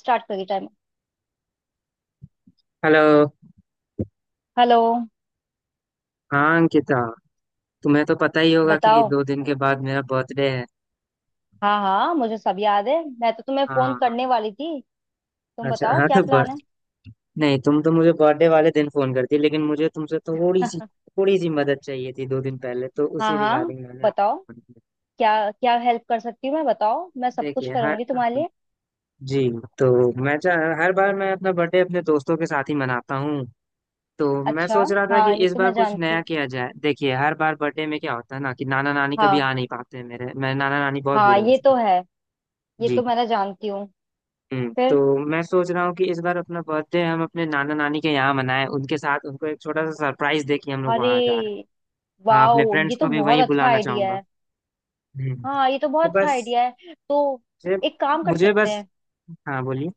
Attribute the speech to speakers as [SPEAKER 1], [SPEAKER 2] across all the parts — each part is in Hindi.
[SPEAKER 1] स्टार्ट करिए टाइम।
[SPEAKER 2] हेलो।
[SPEAKER 1] हेलो।
[SPEAKER 2] हाँ अंकिता। तुम्हें तो पता ही होगा कि
[SPEAKER 1] बताओ।
[SPEAKER 2] 2 दिन के बाद मेरा बर्थडे है।
[SPEAKER 1] हाँ हाँ, मुझे सब याद है। मैं तो तुम्हें फोन
[SPEAKER 2] हाँ।
[SPEAKER 1] करने वाली थी। तुम
[SPEAKER 2] अच्छा
[SPEAKER 1] बताओ
[SPEAKER 2] हाँ,
[SPEAKER 1] क्या
[SPEAKER 2] तो
[SPEAKER 1] प्लान
[SPEAKER 2] बर्थ
[SPEAKER 1] है।
[SPEAKER 2] नहीं, तुम तो मुझे बर्थडे वाले दिन फोन करती, लेकिन मुझे तुमसे थोड़ी सी मदद चाहिए थी 2 दिन पहले, तो
[SPEAKER 1] हाँ
[SPEAKER 2] उसी
[SPEAKER 1] हाँ,
[SPEAKER 2] रिगार्डिंग मैंने
[SPEAKER 1] बताओ।
[SPEAKER 2] आपको फोन किया।
[SPEAKER 1] क्या क्या हेल्प कर सकती हूँ मैं? बताओ, मैं सब कुछ
[SPEAKER 2] देखिए। हर
[SPEAKER 1] करूंगी तुम्हारे लिए।
[SPEAKER 2] जी। तो मैं चाह हर बार मैं अपना बर्थडे अपने दोस्तों के साथ ही मनाता हूँ। तो मैं
[SPEAKER 1] अच्छा।
[SPEAKER 2] सोच रहा था कि
[SPEAKER 1] हाँ, ये
[SPEAKER 2] इस
[SPEAKER 1] तो
[SPEAKER 2] बार
[SPEAKER 1] मैं
[SPEAKER 2] कुछ
[SPEAKER 1] जानती
[SPEAKER 2] नया
[SPEAKER 1] हूँ।
[SPEAKER 2] किया जाए। देखिए, हर बार बर्थडे में क्या होता है ना कि नाना नानी कभी
[SPEAKER 1] हाँ।
[SPEAKER 2] आ नहीं पाते हैं, मेरे मेरे नाना नानी बहुत
[SPEAKER 1] हाँ,
[SPEAKER 2] बूढ़े हो
[SPEAKER 1] ये
[SPEAKER 2] चुके
[SPEAKER 1] तो
[SPEAKER 2] हैं।
[SPEAKER 1] है। ये तो
[SPEAKER 2] जी।
[SPEAKER 1] मैं ना जानती हूँ। फिर।
[SPEAKER 2] तो मैं सोच रहा हूँ कि इस बार अपना बर्थडे हम अपने नाना नानी के यहाँ मनाएं, उनके साथ, उनको एक छोटा सा सरप्राइज दे कि हम लोग
[SPEAKER 1] अरे
[SPEAKER 2] वहाँ जा रहे हैं। हाँ, अपने
[SPEAKER 1] वाओ,
[SPEAKER 2] फ्रेंड्स
[SPEAKER 1] ये तो
[SPEAKER 2] को भी
[SPEAKER 1] बहुत
[SPEAKER 2] वहीं
[SPEAKER 1] अच्छा
[SPEAKER 2] बुलाना
[SPEAKER 1] आइडिया
[SPEAKER 2] चाहूंगा।
[SPEAKER 1] है।
[SPEAKER 2] हम्म।
[SPEAKER 1] हाँ, ये तो
[SPEAKER 2] तो
[SPEAKER 1] बहुत अच्छा
[SPEAKER 2] बस
[SPEAKER 1] आइडिया है। तो
[SPEAKER 2] मुझे
[SPEAKER 1] एक काम कर
[SPEAKER 2] मुझे
[SPEAKER 1] सकते
[SPEAKER 2] बस।
[SPEAKER 1] हैं,
[SPEAKER 2] हाँ बोलिए।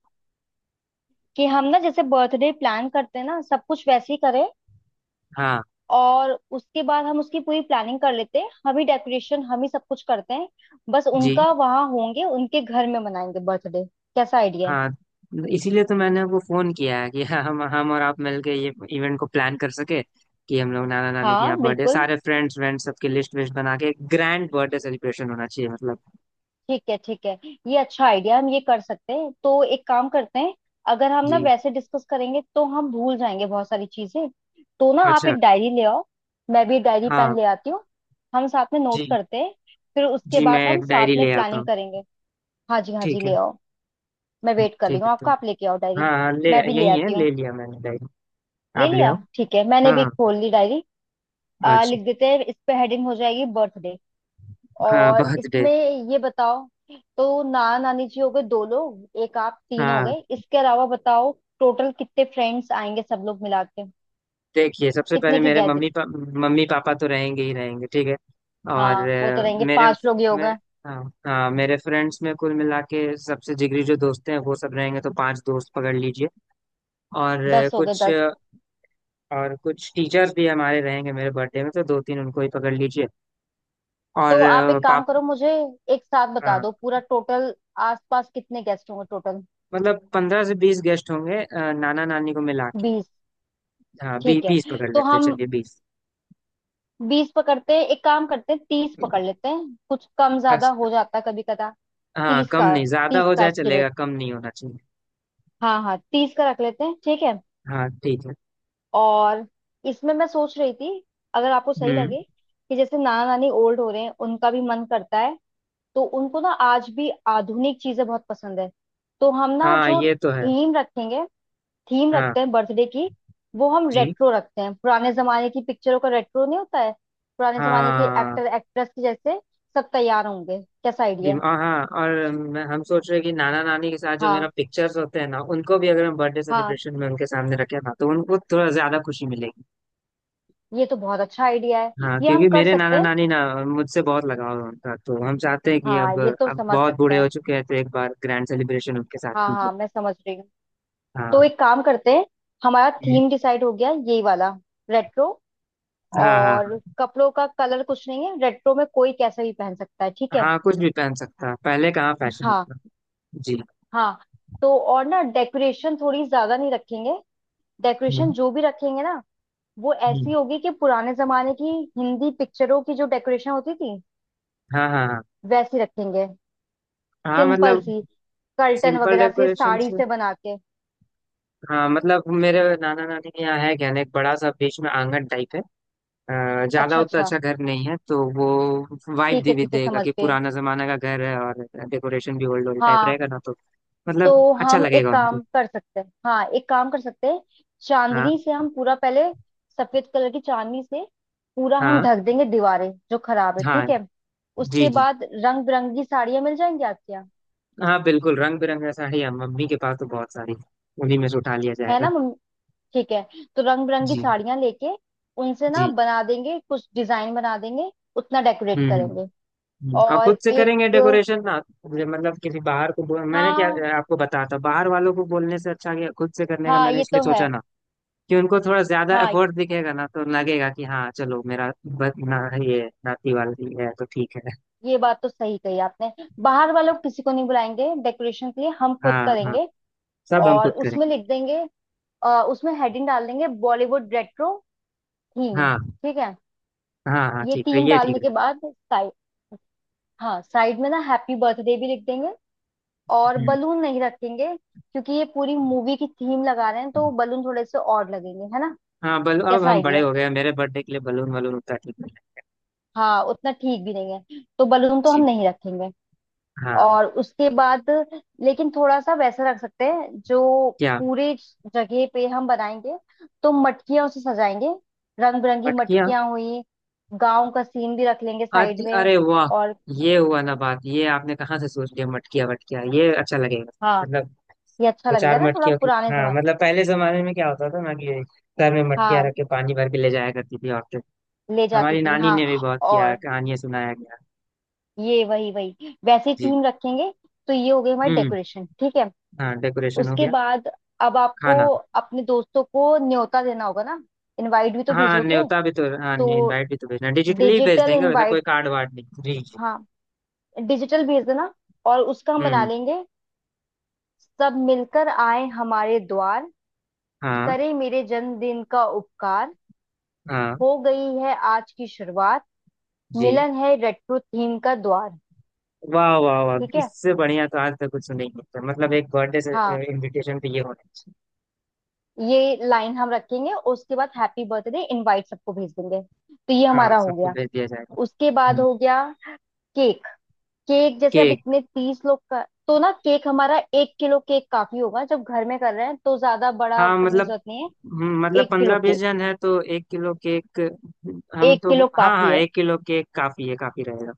[SPEAKER 1] कि हम ना जैसे बर्थडे प्लान करते हैं ना, सब कुछ वैसे ही करें।
[SPEAKER 2] हाँ
[SPEAKER 1] और उसके बाद हम उसकी पूरी प्लानिंग कर लेते हैं, हम ही डेकोरेशन हम ही सब कुछ करते हैं। बस
[SPEAKER 2] जी।
[SPEAKER 1] उनका वहाँ होंगे, उनके घर में मनाएंगे बर्थडे। कैसा आइडिया है?
[SPEAKER 2] हाँ, इसीलिए तो मैंने आपको फोन किया है कि हम और आप मिलके ये इवेंट को प्लान कर सके कि हम लोग नाना नानी के यहाँ
[SPEAKER 1] हाँ
[SPEAKER 2] बर्थडे,
[SPEAKER 1] बिल्कुल।
[SPEAKER 2] सारे फ्रेंड्स व्रेंड्स सबके लिस्ट विस्ट बना के ग्रैंड बर्थडे सेलिब्रेशन होना चाहिए, मतलब।
[SPEAKER 1] ठीक है ठीक है। ये अच्छा आइडिया, हम ये कर सकते हैं। तो एक काम करते हैं। अगर हम ना
[SPEAKER 2] जी।
[SPEAKER 1] वैसे डिस्कस करेंगे तो हम भूल जाएंगे बहुत सारी चीजें। तो ना आप
[SPEAKER 2] अच्छा।
[SPEAKER 1] एक डायरी ले आओ। मैं भी डायरी
[SPEAKER 2] हाँ
[SPEAKER 1] पेन ले आती हूँ। हम साथ में नोट
[SPEAKER 2] जी।
[SPEAKER 1] करते हैं। फिर उसके
[SPEAKER 2] जी मैं
[SPEAKER 1] बाद हम
[SPEAKER 2] एक डायरी
[SPEAKER 1] साथ में
[SPEAKER 2] ले आता
[SPEAKER 1] प्लानिंग
[SPEAKER 2] हूँ।
[SPEAKER 1] करेंगे। हाँ जी, हाँ जी
[SPEAKER 2] ठीक है।
[SPEAKER 1] ले आओ। मैं वेट कर रही
[SPEAKER 2] ठीक
[SPEAKER 1] हूँ
[SPEAKER 2] है तो
[SPEAKER 1] आपका, आप लेके आओ
[SPEAKER 2] हाँ
[SPEAKER 1] डायरी।
[SPEAKER 2] हाँ, ले।
[SPEAKER 1] मैं भी ले
[SPEAKER 2] यही है,
[SPEAKER 1] आती हूँ।
[SPEAKER 2] ले लिया मैंने डायरी।
[SPEAKER 1] ले
[SPEAKER 2] आप ले
[SPEAKER 1] लिया,
[SPEAKER 2] आओ।
[SPEAKER 1] ठीक है मैंने भी
[SPEAKER 2] हाँ
[SPEAKER 1] खोल ली डायरी।
[SPEAKER 2] हाँ, अच्छा।
[SPEAKER 1] लिख देते हैं इस पे, हेडिंग हो जाएगी बर्थडे।
[SPEAKER 2] हाँ
[SPEAKER 1] और
[SPEAKER 2] बर्थडे।
[SPEAKER 1] इसमें ये बताओ, तो नाना नानी जी हो गए दो लोग, एक आप तीन हो
[SPEAKER 2] हाँ।
[SPEAKER 1] गए, इसके अलावा बताओ टोटल कितने फ्रेंड्स आएंगे सब लोग मिला के?
[SPEAKER 2] देखिए सबसे पहले
[SPEAKER 1] कितने की
[SPEAKER 2] मेरे
[SPEAKER 1] गैदरिंग?
[SPEAKER 2] मम्मी पापा तो रहेंगे ही रहेंगे, ठीक है। और
[SPEAKER 1] हाँ वो तो रहेंगे,
[SPEAKER 2] मेरे
[SPEAKER 1] पांच लोग ही हो
[SPEAKER 2] मेरे
[SPEAKER 1] गए।
[SPEAKER 2] हाँ। हाँ मेरे फ्रेंड्स में कुल मिला के सबसे जिगरी जो दोस्त हैं वो सब रहेंगे, तो पांच दोस्त पकड़ लीजिए। और
[SPEAKER 1] 10 हो गए
[SPEAKER 2] कुछ
[SPEAKER 1] 10।
[SPEAKER 2] और कुछ टीचर्स भी हमारे रहेंगे मेरे बर्थडे में, तो दो तीन उनको ही पकड़ लीजिए। और
[SPEAKER 1] तो आप एक काम
[SPEAKER 2] पाप
[SPEAKER 1] करो, मुझे एक साथ बता
[SPEAKER 2] हाँ,
[SPEAKER 1] दो पूरा टोटल, आसपास कितने गेस्ट होंगे टोटल।
[SPEAKER 2] मतलब 15 से 20 गेस्ट होंगे, नाना नानी को मिला के।
[SPEAKER 1] 20?
[SPEAKER 2] हाँ
[SPEAKER 1] ठीक है।
[SPEAKER 2] 20 पकड़
[SPEAKER 1] तो
[SPEAKER 2] लेते हैं,
[SPEAKER 1] हम
[SPEAKER 2] चलिए 20।
[SPEAKER 1] 20 पकड़ते हैं, एक काम करते हैं, 30 पकड़ लेते हैं, कुछ कम ज्यादा
[SPEAKER 2] अच्छा।
[SPEAKER 1] हो जाता है कभी कदा।
[SPEAKER 2] हाँ,
[SPEAKER 1] 30
[SPEAKER 2] कम
[SPEAKER 1] का,
[SPEAKER 2] नहीं, ज्यादा
[SPEAKER 1] 30
[SPEAKER 2] हो
[SPEAKER 1] का
[SPEAKER 2] जाए
[SPEAKER 1] एस्टिमेट।
[SPEAKER 2] चलेगा, कम नहीं होना चाहिए।
[SPEAKER 1] हाँ हाँ, 30 का रख लेते हैं ठीक है।
[SPEAKER 2] हाँ ठीक है।
[SPEAKER 1] और इसमें मैं सोच रही थी, अगर आपको सही
[SPEAKER 2] हम्म।
[SPEAKER 1] लगे, कि जैसे नाना नानी ओल्ड हो रहे हैं, उनका भी मन करता है, तो उनको ना आज भी आधुनिक चीजें बहुत पसंद है। तो हम ना
[SPEAKER 2] हाँ
[SPEAKER 1] जो
[SPEAKER 2] ये तो है।
[SPEAKER 1] थीम रखेंगे, थीम
[SPEAKER 2] हाँ
[SPEAKER 1] रखते हैं बर्थडे की, वो हम
[SPEAKER 2] जी।
[SPEAKER 1] रेट्रो रखते हैं। पुराने जमाने की पिक्चरों का रेट्रो नहीं होता है? पुराने जमाने के
[SPEAKER 2] हाँ
[SPEAKER 1] एक्टर एक्ट्रेस के जैसे सब तैयार होंगे। कैसा
[SPEAKER 2] जी,
[SPEAKER 1] आइडिया है?
[SPEAKER 2] और हाँ, और हम सोच रहे हैं कि नाना नानी के साथ जो मेरा
[SPEAKER 1] हाँ
[SPEAKER 2] पिक्चर्स होते हैं ना, उनको भी अगर हम बर्थडे
[SPEAKER 1] हाँ,
[SPEAKER 2] सेलिब्रेशन में उनके सामने रखें ना तो उनको थोड़ा ज्यादा खुशी मिलेगी।
[SPEAKER 1] ये तो बहुत अच्छा आइडिया है।
[SPEAKER 2] हाँ
[SPEAKER 1] ये हम
[SPEAKER 2] क्योंकि
[SPEAKER 1] कर
[SPEAKER 2] मेरे
[SPEAKER 1] सकते
[SPEAKER 2] नाना
[SPEAKER 1] हैं।
[SPEAKER 2] नानी ना, मुझसे बहुत लगाव है उनका, तो हम चाहते हैं कि
[SPEAKER 1] हाँ
[SPEAKER 2] अब
[SPEAKER 1] ये तो
[SPEAKER 2] अब
[SPEAKER 1] समझ
[SPEAKER 2] बहुत
[SPEAKER 1] सकते
[SPEAKER 2] बूढ़े हो
[SPEAKER 1] हैं।
[SPEAKER 2] चुके हैं तो एक बार ग्रैंड सेलिब्रेशन उनके साथ
[SPEAKER 1] हाँ
[SPEAKER 2] कीजिए।
[SPEAKER 1] हाँ, मैं समझ रही हूँ। तो
[SPEAKER 2] हाँ।
[SPEAKER 1] एक काम करते हैं। हमारा
[SPEAKER 2] हम्म।
[SPEAKER 1] थीम डिसाइड हो गया यही वाला, रेट्रो।
[SPEAKER 2] हाँ हाँ।
[SPEAKER 1] और कपड़ों का कलर कुछ नहीं है, रेट्रो में कोई कैसा भी पहन सकता है, ठीक है।
[SPEAKER 2] हाँ कुछ भी पहन सकता है, पहले कहाँ फैशन
[SPEAKER 1] हाँ
[SPEAKER 2] होता था। जी।
[SPEAKER 1] हाँ। तो और ना डेकोरेशन थोड़ी ज्यादा नहीं रखेंगे। डेकोरेशन
[SPEAKER 2] हम्म।
[SPEAKER 1] जो भी रखेंगे ना, वो
[SPEAKER 2] हम्म।
[SPEAKER 1] ऐसी होगी कि पुराने जमाने की हिंदी पिक्चरों की जो डेकोरेशन होती थी
[SPEAKER 2] हाँ हाँ हाँ।
[SPEAKER 1] वैसी रखेंगे।
[SPEAKER 2] हाँ
[SPEAKER 1] सिंपल
[SPEAKER 2] मतलब
[SPEAKER 1] सी, कर्टन
[SPEAKER 2] सिंपल
[SPEAKER 1] वगैरह से,
[SPEAKER 2] डेकोरेशन
[SPEAKER 1] साड़ी
[SPEAKER 2] से।
[SPEAKER 1] से बना के।
[SPEAKER 2] हाँ मतलब मेरे नाना नानी के यहाँ है क्या ना, एक बड़ा सा बीच में आंगन टाइप है। ज्यादा
[SPEAKER 1] अच्छा
[SPEAKER 2] उतना
[SPEAKER 1] अच्छा।
[SPEAKER 2] अच्छा घर नहीं है, तो वो वाइब
[SPEAKER 1] ठीक है
[SPEAKER 2] भी
[SPEAKER 1] ठीक है,
[SPEAKER 2] देगा
[SPEAKER 1] समझ
[SPEAKER 2] कि
[SPEAKER 1] गए।
[SPEAKER 2] पुराना जमाना का घर है, और डेकोरेशन भी ओल्ड ओल्ड टाइप
[SPEAKER 1] हाँ।
[SPEAKER 2] रहेगा ना, तो मतलब
[SPEAKER 1] तो
[SPEAKER 2] अच्छा
[SPEAKER 1] हम एक
[SPEAKER 2] लगेगा उनको।
[SPEAKER 1] काम कर सकते हैं, हाँ एक काम कर सकते हैं।
[SPEAKER 2] हाँ।
[SPEAKER 1] चांदनी से हम पूरा पहले, सफेद कलर की चांदनी से पूरा हम
[SPEAKER 2] हाँ।
[SPEAKER 1] ढक देंगे, दीवारें जो खराब है,
[SPEAKER 2] हाँ
[SPEAKER 1] ठीक है।
[SPEAKER 2] जी।
[SPEAKER 1] उसके
[SPEAKER 2] जी।
[SPEAKER 1] बाद रंग बिरंगी साड़ियाँ मिल जाएंगी आपके यहाँ,
[SPEAKER 2] हाँ बिल्कुल रंग बिरंगा साड़ी है, मम्मी के पास तो बहुत सारी है। उन्हीं में से उठा लिया
[SPEAKER 1] है
[SPEAKER 2] जाएगा।
[SPEAKER 1] ना? ठीक है। तो रंग बिरंगी
[SPEAKER 2] जी।
[SPEAKER 1] साड़ियां लेके, उनसे ना
[SPEAKER 2] जी।
[SPEAKER 1] बना देंगे, कुछ डिजाइन बना देंगे, उतना डेकोरेट
[SPEAKER 2] हम्म। हम्म।
[SPEAKER 1] करेंगे।
[SPEAKER 2] हम्म। और खुद
[SPEAKER 1] और
[SPEAKER 2] से करेंगे
[SPEAKER 1] एक,
[SPEAKER 2] डेकोरेशन ना, ये मतलब किसी बाहर को बोल, मैंने क्या
[SPEAKER 1] हाँ
[SPEAKER 2] आपको बताया था, बाहर वालों को बोलने से अच्छा कि खुद से करने का
[SPEAKER 1] हाँ
[SPEAKER 2] मैंने
[SPEAKER 1] ये
[SPEAKER 2] इसलिए
[SPEAKER 1] तो है।
[SPEAKER 2] सोचा ना कि उनको थोड़ा ज्यादा
[SPEAKER 1] हाँ,
[SPEAKER 2] एफर्ट दिखेगा ना, तो लगेगा कि हाँ चलो मेरा ना, ये नाती वाली है तो ठीक है।
[SPEAKER 1] ये बात तो सही कही आपने। बाहर वालों को किसी को नहीं बुलाएंगे डेकोरेशन के लिए, हम खुद
[SPEAKER 2] हाँ हाँ।
[SPEAKER 1] करेंगे।
[SPEAKER 2] सब हम
[SPEAKER 1] और
[SPEAKER 2] खुद
[SPEAKER 1] उसमें
[SPEAKER 2] करेंगे।
[SPEAKER 1] लिख देंगे, उसमें हेडिंग डाल देंगे, बॉलीवुड रेट्रो थीम।
[SPEAKER 2] हाँ।
[SPEAKER 1] ठीक है।
[SPEAKER 2] हाँ हाँ
[SPEAKER 1] ये
[SPEAKER 2] ठीक है,
[SPEAKER 1] थीम
[SPEAKER 2] ये ठीक
[SPEAKER 1] डालने के
[SPEAKER 2] रहेगा।
[SPEAKER 1] बाद साइड, हाँ साइड में ना हैप्पी बर्थडे भी लिख देंगे। और
[SPEAKER 2] हम्म।
[SPEAKER 1] बलून नहीं रखेंगे क्योंकि ये पूरी मूवी की थीम लगा रहे हैं, तो बलून थोड़े से और लगेंगे, है ना?
[SPEAKER 2] हाँ बल अब
[SPEAKER 1] कैसा
[SPEAKER 2] हम बड़े
[SPEAKER 1] आइडिया है?
[SPEAKER 2] हो गए हैं, मेरे बर्थडे के लिए बलून वलून उतना ठीक नहीं है।
[SPEAKER 1] हाँ, उतना ठीक भी नहीं है, तो बलून तो हम
[SPEAKER 2] जी।
[SPEAKER 1] नहीं रखेंगे।
[SPEAKER 2] हाँ।
[SPEAKER 1] और उसके बाद, लेकिन थोड़ा सा वैसा रख सकते हैं जो
[SPEAKER 2] क्या।
[SPEAKER 1] पूरे जगह पे हम बनाएंगे तो मटकियां उसे सजाएंगे, रंग बिरंगी
[SPEAKER 2] मटकियाँ।
[SPEAKER 1] मटकियां हुई। गांव का सीन भी रख लेंगे
[SPEAKER 2] आज
[SPEAKER 1] साइड में।
[SPEAKER 2] अरे वाह,
[SPEAKER 1] और
[SPEAKER 2] ये हुआ ना बात, ये आपने कहाँ से सोच लिया मटकिया वटकिया, ये अच्छा लगेगा।
[SPEAKER 1] हाँ,
[SPEAKER 2] मतलब
[SPEAKER 1] ये अच्छा
[SPEAKER 2] दो
[SPEAKER 1] लगेगा
[SPEAKER 2] चार
[SPEAKER 1] ना, थोड़ा
[SPEAKER 2] मटकियों की।
[SPEAKER 1] पुराने
[SPEAKER 2] हाँ
[SPEAKER 1] समय।
[SPEAKER 2] मतलब पहले जमाने में क्या होता था ना कि सर में मटकियाँ
[SPEAKER 1] हाँ
[SPEAKER 2] रख के पानी भर के ले जाया करती थी औरतें।
[SPEAKER 1] ले जाती
[SPEAKER 2] हमारी
[SPEAKER 1] थी,
[SPEAKER 2] नानी
[SPEAKER 1] हाँ।
[SPEAKER 2] ने भी बहुत किया है,
[SPEAKER 1] और
[SPEAKER 2] कहानियां सुनाया गया।
[SPEAKER 1] ये वही वही वैसे
[SPEAKER 2] जी।
[SPEAKER 1] थीम रखेंगे। तो ये हो गई हमारी
[SPEAKER 2] हम्म।
[SPEAKER 1] डेकोरेशन, ठीक है।
[SPEAKER 2] हाँ डेकोरेशन हो
[SPEAKER 1] उसके
[SPEAKER 2] गया।
[SPEAKER 1] बाद अब आपको
[SPEAKER 2] खाना।
[SPEAKER 1] अपने दोस्तों को न्योता देना होगा ना, इनवाइट भी तो
[SPEAKER 2] हाँ
[SPEAKER 1] भेजोगे।
[SPEAKER 2] न्योता भी तो, हाँ
[SPEAKER 1] तो
[SPEAKER 2] इनवाइट भी तो भेजना, डिजिटली ही भेज
[SPEAKER 1] डिजिटल
[SPEAKER 2] देंगे, वैसा कोई
[SPEAKER 1] इनवाइट,
[SPEAKER 2] कार्ड वार्ड नहीं। जी जी।
[SPEAKER 1] हाँ डिजिटल भेज देना। और उसका हम बना
[SPEAKER 2] हम्म।
[SPEAKER 1] लेंगे, सब मिलकर आए हमारे द्वार,
[SPEAKER 2] हाँ।
[SPEAKER 1] करे मेरे जन्मदिन का उपकार,
[SPEAKER 2] हाँ।
[SPEAKER 1] हो गई है आज की शुरुआत,
[SPEAKER 2] जी।
[SPEAKER 1] मिलन है रेट्रो थीम का द्वार।
[SPEAKER 2] वाह वाह वाह,
[SPEAKER 1] ठीक है।
[SPEAKER 2] इससे बढ़िया तो आज तक कुछ सुनेंगे नहीं, होता मतलब एक बर्थडे से,
[SPEAKER 1] हाँ,
[SPEAKER 2] इनविटेशन पे ये होना चाहिए।
[SPEAKER 1] ये लाइन हम रखेंगे, उसके बाद हैप्पी बर्थडे इनवाइट सबको भेज देंगे, तो ये
[SPEAKER 2] हाँ
[SPEAKER 1] हमारा हो
[SPEAKER 2] सबको
[SPEAKER 1] गया।
[SPEAKER 2] भेज दिया जाएगा।
[SPEAKER 1] उसके बाद
[SPEAKER 2] हम्म।
[SPEAKER 1] हो गया केक। केक जैसे, अब
[SPEAKER 2] केक।
[SPEAKER 1] इतने 30 लोग का, तो ना केक हमारा 1 किलो केक काफी होगा, जब घर में कर रहे हैं तो ज्यादा बड़ा
[SPEAKER 2] हाँ
[SPEAKER 1] करने की
[SPEAKER 2] मतलब,
[SPEAKER 1] जरूरत नहीं है।
[SPEAKER 2] मतलब
[SPEAKER 1] 1 किलो
[SPEAKER 2] पंद्रह बीस
[SPEAKER 1] केक,
[SPEAKER 2] जन है तो 1 किलो केक। हम
[SPEAKER 1] एक
[SPEAKER 2] तो,
[SPEAKER 1] किलो
[SPEAKER 2] हाँ
[SPEAKER 1] काफी
[SPEAKER 2] हाँ
[SPEAKER 1] है,
[SPEAKER 2] 1 किलो केक काफी है, काफी रहेगा।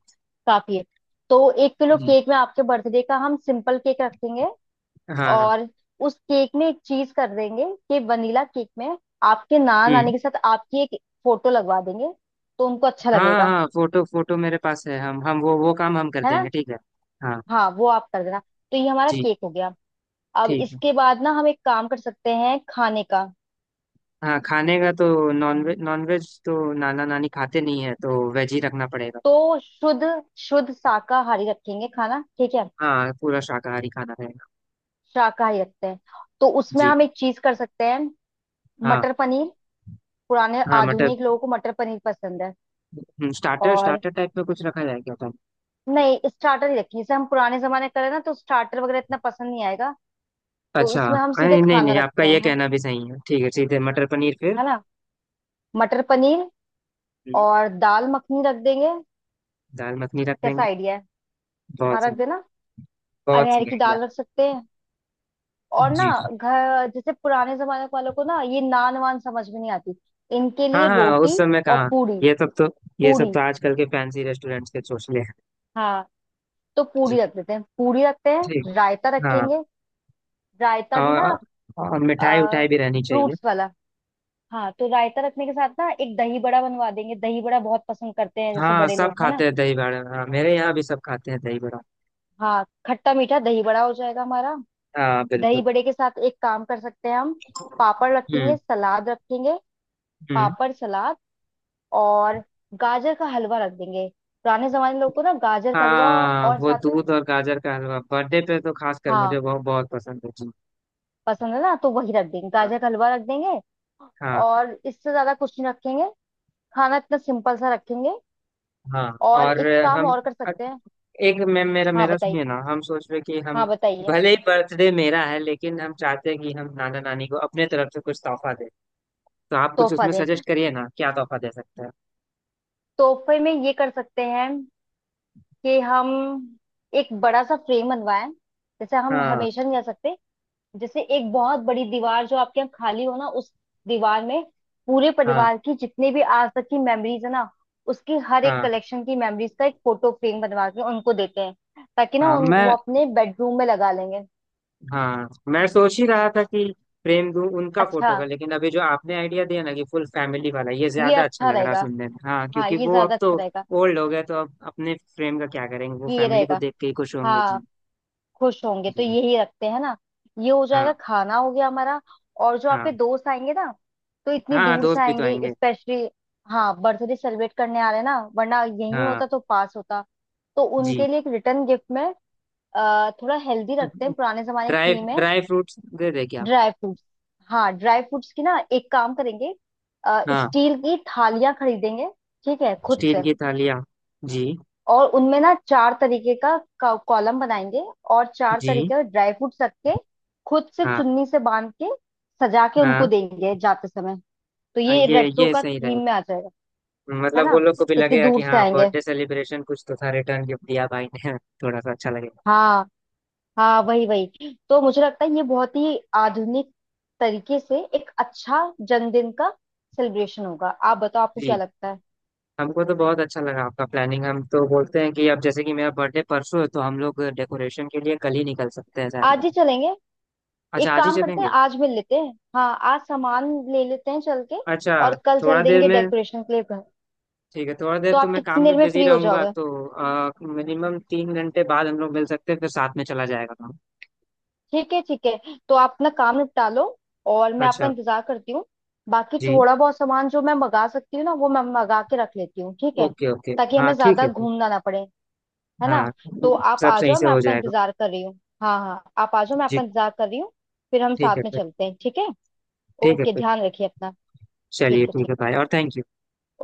[SPEAKER 1] काफी है। तो 1 किलो
[SPEAKER 2] जी।
[SPEAKER 1] केक में आपके बर्थडे का हम सिंपल केक रखेंगे।
[SPEAKER 2] हाँ हाँ।
[SPEAKER 1] और उस केक में एक चीज कर देंगे, कि वनीला केक में आपके नान आने
[SPEAKER 2] हम्म।
[SPEAKER 1] के साथ आपकी एक फोटो लगवा देंगे, तो उनको अच्छा
[SPEAKER 2] हाँ हाँ
[SPEAKER 1] लगेगा,
[SPEAKER 2] हाँ, फोटो फोटो मेरे पास है, हम वो काम हम कर
[SPEAKER 1] है ना?
[SPEAKER 2] देंगे, ठीक है। हाँ।
[SPEAKER 1] हाँ वो आप कर देना। तो ये हमारा
[SPEAKER 2] जी।
[SPEAKER 1] केक हो गया। अब
[SPEAKER 2] ठीक है।
[SPEAKER 1] इसके बाद ना हम एक काम कर सकते हैं खाने का।
[SPEAKER 2] हाँ खाने का तो, नॉनवेज नॉनवेज तो नाना नानी खाते नहीं है, तो वेज ही रखना पड़ेगा।
[SPEAKER 1] तो शुद्ध, शुद्ध शाकाहारी रखेंगे खाना, ठीक है?
[SPEAKER 2] हाँ पूरा शाकाहारी खाना रहेगा।
[SPEAKER 1] शाकाहारी रखते हैं। तो उसमें
[SPEAKER 2] जी।
[SPEAKER 1] हम एक चीज कर सकते हैं,
[SPEAKER 2] हाँ
[SPEAKER 1] मटर पनीर। पुराने
[SPEAKER 2] हाँ मटर,
[SPEAKER 1] आधुनिक लोगों को मटर पनीर पसंद है।
[SPEAKER 2] स्टार्टर
[SPEAKER 1] और
[SPEAKER 2] स्टार्टर टाइप में कुछ रखा जाए क्या था।
[SPEAKER 1] नहीं, स्टार्टर ही रखिए जैसे, हम पुराने जमाने करें ना तो स्टार्टर वगैरह इतना पसंद नहीं आएगा। तो
[SPEAKER 2] अच्छा।
[SPEAKER 1] इसमें हम सीधे
[SPEAKER 2] नहीं नहीं
[SPEAKER 1] खाना
[SPEAKER 2] नहीं, आपका
[SPEAKER 1] रखते
[SPEAKER 2] ये
[SPEAKER 1] हैं, है
[SPEAKER 2] कहना भी सही है, ठीक है, सीधे मटर पनीर फिर।
[SPEAKER 1] है ना मटर पनीर
[SPEAKER 2] हम्म,
[SPEAKER 1] और दाल मखनी रख देंगे।
[SPEAKER 2] दाल मखनी रख
[SPEAKER 1] कैसा
[SPEAKER 2] देंगे।
[SPEAKER 1] आइडिया है? हाँ
[SPEAKER 2] बहुत सही।
[SPEAKER 1] रख देना।
[SPEAKER 2] बहुत
[SPEAKER 1] अरहर
[SPEAKER 2] सही
[SPEAKER 1] की
[SPEAKER 2] आइडिया।
[SPEAKER 1] दाल रख सकते हैं। और ना
[SPEAKER 2] जी जी।
[SPEAKER 1] घर जैसे पुराने जमाने वालों को ना, ये नान वान समझ में नहीं आती, इनके
[SPEAKER 2] हाँ
[SPEAKER 1] लिए
[SPEAKER 2] हाँ उस
[SPEAKER 1] रोटी
[SPEAKER 2] समय
[SPEAKER 1] और
[SPEAKER 2] कहाँ,
[SPEAKER 1] पूरी,
[SPEAKER 2] ये सब तो, ये सब
[SPEAKER 1] पूरी।
[SPEAKER 2] तो आजकल के फैंसी रेस्टोरेंट्स के चोचले।
[SPEAKER 1] हाँ। तो
[SPEAKER 2] जी।
[SPEAKER 1] पूरी रख देते हैं, पूरी रखते
[SPEAKER 2] ठीक।
[SPEAKER 1] हैं, रायता
[SPEAKER 2] हाँ।
[SPEAKER 1] रखेंगे। रायता भी ना,
[SPEAKER 2] और, और मिठाई उठाई भी रहनी चाहिए।
[SPEAKER 1] फ्रूट्स वाला। हाँ। तो रायता रखने के साथ ना एक दही बड़ा बनवा देंगे, दही बड़ा बहुत पसंद करते हैं जैसे
[SPEAKER 2] हाँ
[SPEAKER 1] बड़े
[SPEAKER 2] सब
[SPEAKER 1] लोग, है
[SPEAKER 2] खाते
[SPEAKER 1] ना?
[SPEAKER 2] हैं दही बड़ा, हाँ, मेरे यहाँ भी सब खाते हैं दही बड़ा।
[SPEAKER 1] हाँ, खट्टा मीठा दही बड़ा हो जाएगा हमारा।
[SPEAKER 2] हाँ
[SPEAKER 1] दही
[SPEAKER 2] बिल्कुल।
[SPEAKER 1] बड़े के साथ एक काम कर सकते हैं हम, पापड़ रखेंगे,
[SPEAKER 2] हम्म।
[SPEAKER 1] सलाद रखेंगे।
[SPEAKER 2] हम्म।
[SPEAKER 1] पापड़ सलाद। और गाजर का हलवा रख देंगे। पुराने जमाने लोग को ना गाजर का हलवा।
[SPEAKER 2] हाँ
[SPEAKER 1] और
[SPEAKER 2] वो
[SPEAKER 1] साथ में,
[SPEAKER 2] दूध और गाजर का हलवा बर्थडे पे तो खासकर
[SPEAKER 1] हाँ
[SPEAKER 2] मुझे बहुत बहुत पसंद है, जी।
[SPEAKER 1] पसंद है ना तो वही रख देंगे,
[SPEAKER 2] हाँ।
[SPEAKER 1] गाजर का हलवा रख देंगे।
[SPEAKER 2] हाँ।
[SPEAKER 1] और इससे ज्यादा कुछ नहीं रखेंगे, खाना इतना सिंपल सा रखेंगे।
[SPEAKER 2] हाँ,
[SPEAKER 1] और
[SPEAKER 2] और
[SPEAKER 1] एक काम
[SPEAKER 2] हम,
[SPEAKER 1] और कर सकते हैं।
[SPEAKER 2] एक मैं, मेरा
[SPEAKER 1] हाँ
[SPEAKER 2] मेरा
[SPEAKER 1] बताइए,
[SPEAKER 2] सुनिए ना, हम सोच रहे कि हम
[SPEAKER 1] हाँ बताइए।
[SPEAKER 2] भले ही बर्थडे मेरा है, लेकिन हम चाहते हैं कि हम नाना नानी को अपने तरफ से कुछ तोहफा दें। तो आप कुछ
[SPEAKER 1] तोहफा
[SPEAKER 2] उसमें
[SPEAKER 1] दे,
[SPEAKER 2] सजेस्ट करिए ना, क्या तोहफा दे सकते हैं।
[SPEAKER 1] तोहफे में ये कर सकते हैं कि हम एक बड़ा सा फ्रेम बनवाएं। जैसे हम
[SPEAKER 2] हाँ।
[SPEAKER 1] हमेशा नहीं जा सकते, जैसे एक बहुत बड़ी दीवार जो आपके यहाँ खाली हो ना, उस दीवार में पूरे
[SPEAKER 2] हाँ।
[SPEAKER 1] परिवार की जितने भी आज तक की मेमोरीज है ना, उसकी हर एक
[SPEAKER 2] हाँ।
[SPEAKER 1] कलेक्शन की मेमोरीज का एक फोटो फ्रेम बनवा के उनको देते हैं, ताकि ना
[SPEAKER 2] हाँ
[SPEAKER 1] वो
[SPEAKER 2] मैं,
[SPEAKER 1] अपने बेडरूम में लगा लेंगे।
[SPEAKER 2] हाँ मैं सोच ही रहा था कि फ्रेम दूं उनका फोटो
[SPEAKER 1] अच्छा,
[SPEAKER 2] का, लेकिन अभी जो आपने आइडिया दिया ना कि फुल फैमिली वाला, ये
[SPEAKER 1] ये
[SPEAKER 2] ज्यादा अच्छा
[SPEAKER 1] अच्छा
[SPEAKER 2] लग रहा है
[SPEAKER 1] रहेगा।
[SPEAKER 2] सुनने में, हाँ
[SPEAKER 1] हाँ,
[SPEAKER 2] क्योंकि
[SPEAKER 1] ये
[SPEAKER 2] वो अब
[SPEAKER 1] ज्यादा
[SPEAKER 2] तो
[SPEAKER 1] अच्छा रहेगा।
[SPEAKER 2] ओल्ड हो गए तो अब अपने फ्रेम का क्या करेंगे, वो
[SPEAKER 1] ये
[SPEAKER 2] फैमिली को
[SPEAKER 1] रहेगा।
[SPEAKER 2] देख के ही खुश होंगे,
[SPEAKER 1] हाँ
[SPEAKER 2] जी।
[SPEAKER 1] खुश होंगे, तो
[SPEAKER 2] जी।
[SPEAKER 1] यही रखते हैं ना। ये हो
[SPEAKER 2] हाँ।
[SPEAKER 1] जाएगा, खाना हो गया हमारा। और जो
[SPEAKER 2] हाँ।
[SPEAKER 1] आपके दोस्त आएंगे ना, तो इतनी
[SPEAKER 2] हाँ
[SPEAKER 1] दूर से
[SPEAKER 2] दोस्त भी तो
[SPEAKER 1] आएंगे
[SPEAKER 2] आएंगे।
[SPEAKER 1] स्पेशली, हाँ बर्थडे सेलिब्रेट करने आ रहे हैं ना, वरना यही
[SPEAKER 2] हाँ।
[SPEAKER 1] होता तो पास होता। तो
[SPEAKER 2] जी।
[SPEAKER 1] उनके लिए एक रिटर्न गिफ्ट में, थोड़ा हेल्दी रखते हैं, पुराने जमाने की
[SPEAKER 2] ड्राई
[SPEAKER 1] थीम है,
[SPEAKER 2] ड्राई फ्रूट्स दे दे क्या।
[SPEAKER 1] Dry fruits. हाँ, ड्राई फ्रूट्स की ना एक काम करेंगे,
[SPEAKER 2] हाँ।
[SPEAKER 1] स्टील की थालियां खरीदेंगे, ठीक है, खुद
[SPEAKER 2] स्टील
[SPEAKER 1] से।
[SPEAKER 2] की थालियाँ। जी।
[SPEAKER 1] और उनमें ना चार तरीके का कॉलम बनाएंगे, और चार
[SPEAKER 2] जी।
[SPEAKER 1] तरीके का ड्राई फ्रूट्स रख के, खुद से
[SPEAKER 2] हाँ
[SPEAKER 1] चुन्नी से बांध के सजा के
[SPEAKER 2] हाँ
[SPEAKER 1] उनको देंगे जाते समय। तो
[SPEAKER 2] हाँ,
[SPEAKER 1] ये रेट्रो
[SPEAKER 2] ये
[SPEAKER 1] का
[SPEAKER 2] सही
[SPEAKER 1] थीम में
[SPEAKER 2] रहेगा।
[SPEAKER 1] आ जाएगा। है
[SPEAKER 2] मतलब
[SPEAKER 1] ना?
[SPEAKER 2] वो लोग को भी
[SPEAKER 1] कितनी
[SPEAKER 2] लगेगा कि
[SPEAKER 1] दूर से
[SPEAKER 2] हाँ
[SPEAKER 1] आएंगे।
[SPEAKER 2] बर्थडे सेलिब्रेशन कुछ तो था, रिटर्न गिफ्ट दिया भाई ने। थोड़ा सा अच्छा लगेगा।
[SPEAKER 1] हाँ हाँ, वही वही, तो मुझे लगता है ये बहुत ही आधुनिक तरीके से एक अच्छा जन्मदिन का सेलिब्रेशन होगा। आप बताओ आपको क्या
[SPEAKER 2] जी।
[SPEAKER 1] लगता है?
[SPEAKER 2] हमको तो बहुत अच्छा लगा आपका प्लानिंग, हम तो बोलते हैं कि अब जैसे कि मेरा बर्थडे परसों है, तो हम लोग डेकोरेशन के लिए कल ही निकल सकते हैं शायद।
[SPEAKER 1] आज ही चलेंगे।
[SPEAKER 2] अच्छा
[SPEAKER 1] एक
[SPEAKER 2] आज ही
[SPEAKER 1] काम करते हैं,
[SPEAKER 2] चलेंगे।
[SPEAKER 1] आज मिल लेते हैं, हाँ आज सामान ले लेते हैं चल के।
[SPEAKER 2] अच्छा।
[SPEAKER 1] और कल
[SPEAKER 2] थोड़ा
[SPEAKER 1] चल
[SPEAKER 2] देर
[SPEAKER 1] देंगे
[SPEAKER 2] में।
[SPEAKER 1] डेकोरेशन के लिए।
[SPEAKER 2] ठीक है, थोड़ा देर
[SPEAKER 1] तो
[SPEAKER 2] तो
[SPEAKER 1] आप
[SPEAKER 2] मैं काम
[SPEAKER 1] कितनी
[SPEAKER 2] में
[SPEAKER 1] देर में
[SPEAKER 2] बिजी
[SPEAKER 1] फ्री हो
[SPEAKER 2] रहूंगा,
[SPEAKER 1] जाओगे?
[SPEAKER 2] तो मिनिमम 3 घंटे बाद हम लोग मिल सकते हैं, फिर साथ में चला जाएगा काम।
[SPEAKER 1] ठीक है ठीक है। तो आप अपना काम निपटा लो, और मैं आपका
[SPEAKER 2] अच्छा।
[SPEAKER 1] इंतजार करती हूँ। बाकी
[SPEAKER 2] जी।
[SPEAKER 1] थोड़ा बहुत सामान जो मैं मंगा सकती हूँ ना, वो मैं मंगा के रख लेती हूँ, ठीक है।
[SPEAKER 2] Okay okay.
[SPEAKER 1] ताकि
[SPEAKER 2] हाँ
[SPEAKER 1] हमें
[SPEAKER 2] ठीक
[SPEAKER 1] ज्यादा
[SPEAKER 2] है फिर।
[SPEAKER 1] घूमना ना पड़े, है
[SPEAKER 2] हाँ।
[SPEAKER 1] ना? तो आप
[SPEAKER 2] सब
[SPEAKER 1] आ
[SPEAKER 2] सही
[SPEAKER 1] जाओ,
[SPEAKER 2] से
[SPEAKER 1] मैं
[SPEAKER 2] हो
[SPEAKER 1] आपका
[SPEAKER 2] जाएगा।
[SPEAKER 1] इंतजार कर रही हूँ। हाँ हाँ, आप आ जाओ, मैं
[SPEAKER 2] जी।
[SPEAKER 1] आपका इंतजार कर रही हूँ। फिर हम
[SPEAKER 2] ठीक है
[SPEAKER 1] साथ में
[SPEAKER 2] फिर।
[SPEAKER 1] चलते हैं, ठीक है।
[SPEAKER 2] ठीक है
[SPEAKER 1] ओके,
[SPEAKER 2] फिर।
[SPEAKER 1] ध्यान रखिए अपना। ठीक
[SPEAKER 2] चलिए
[SPEAKER 1] है,
[SPEAKER 2] ठीक
[SPEAKER 1] ठीक।
[SPEAKER 2] है भाई, और थैंक यू।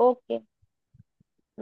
[SPEAKER 1] ओके।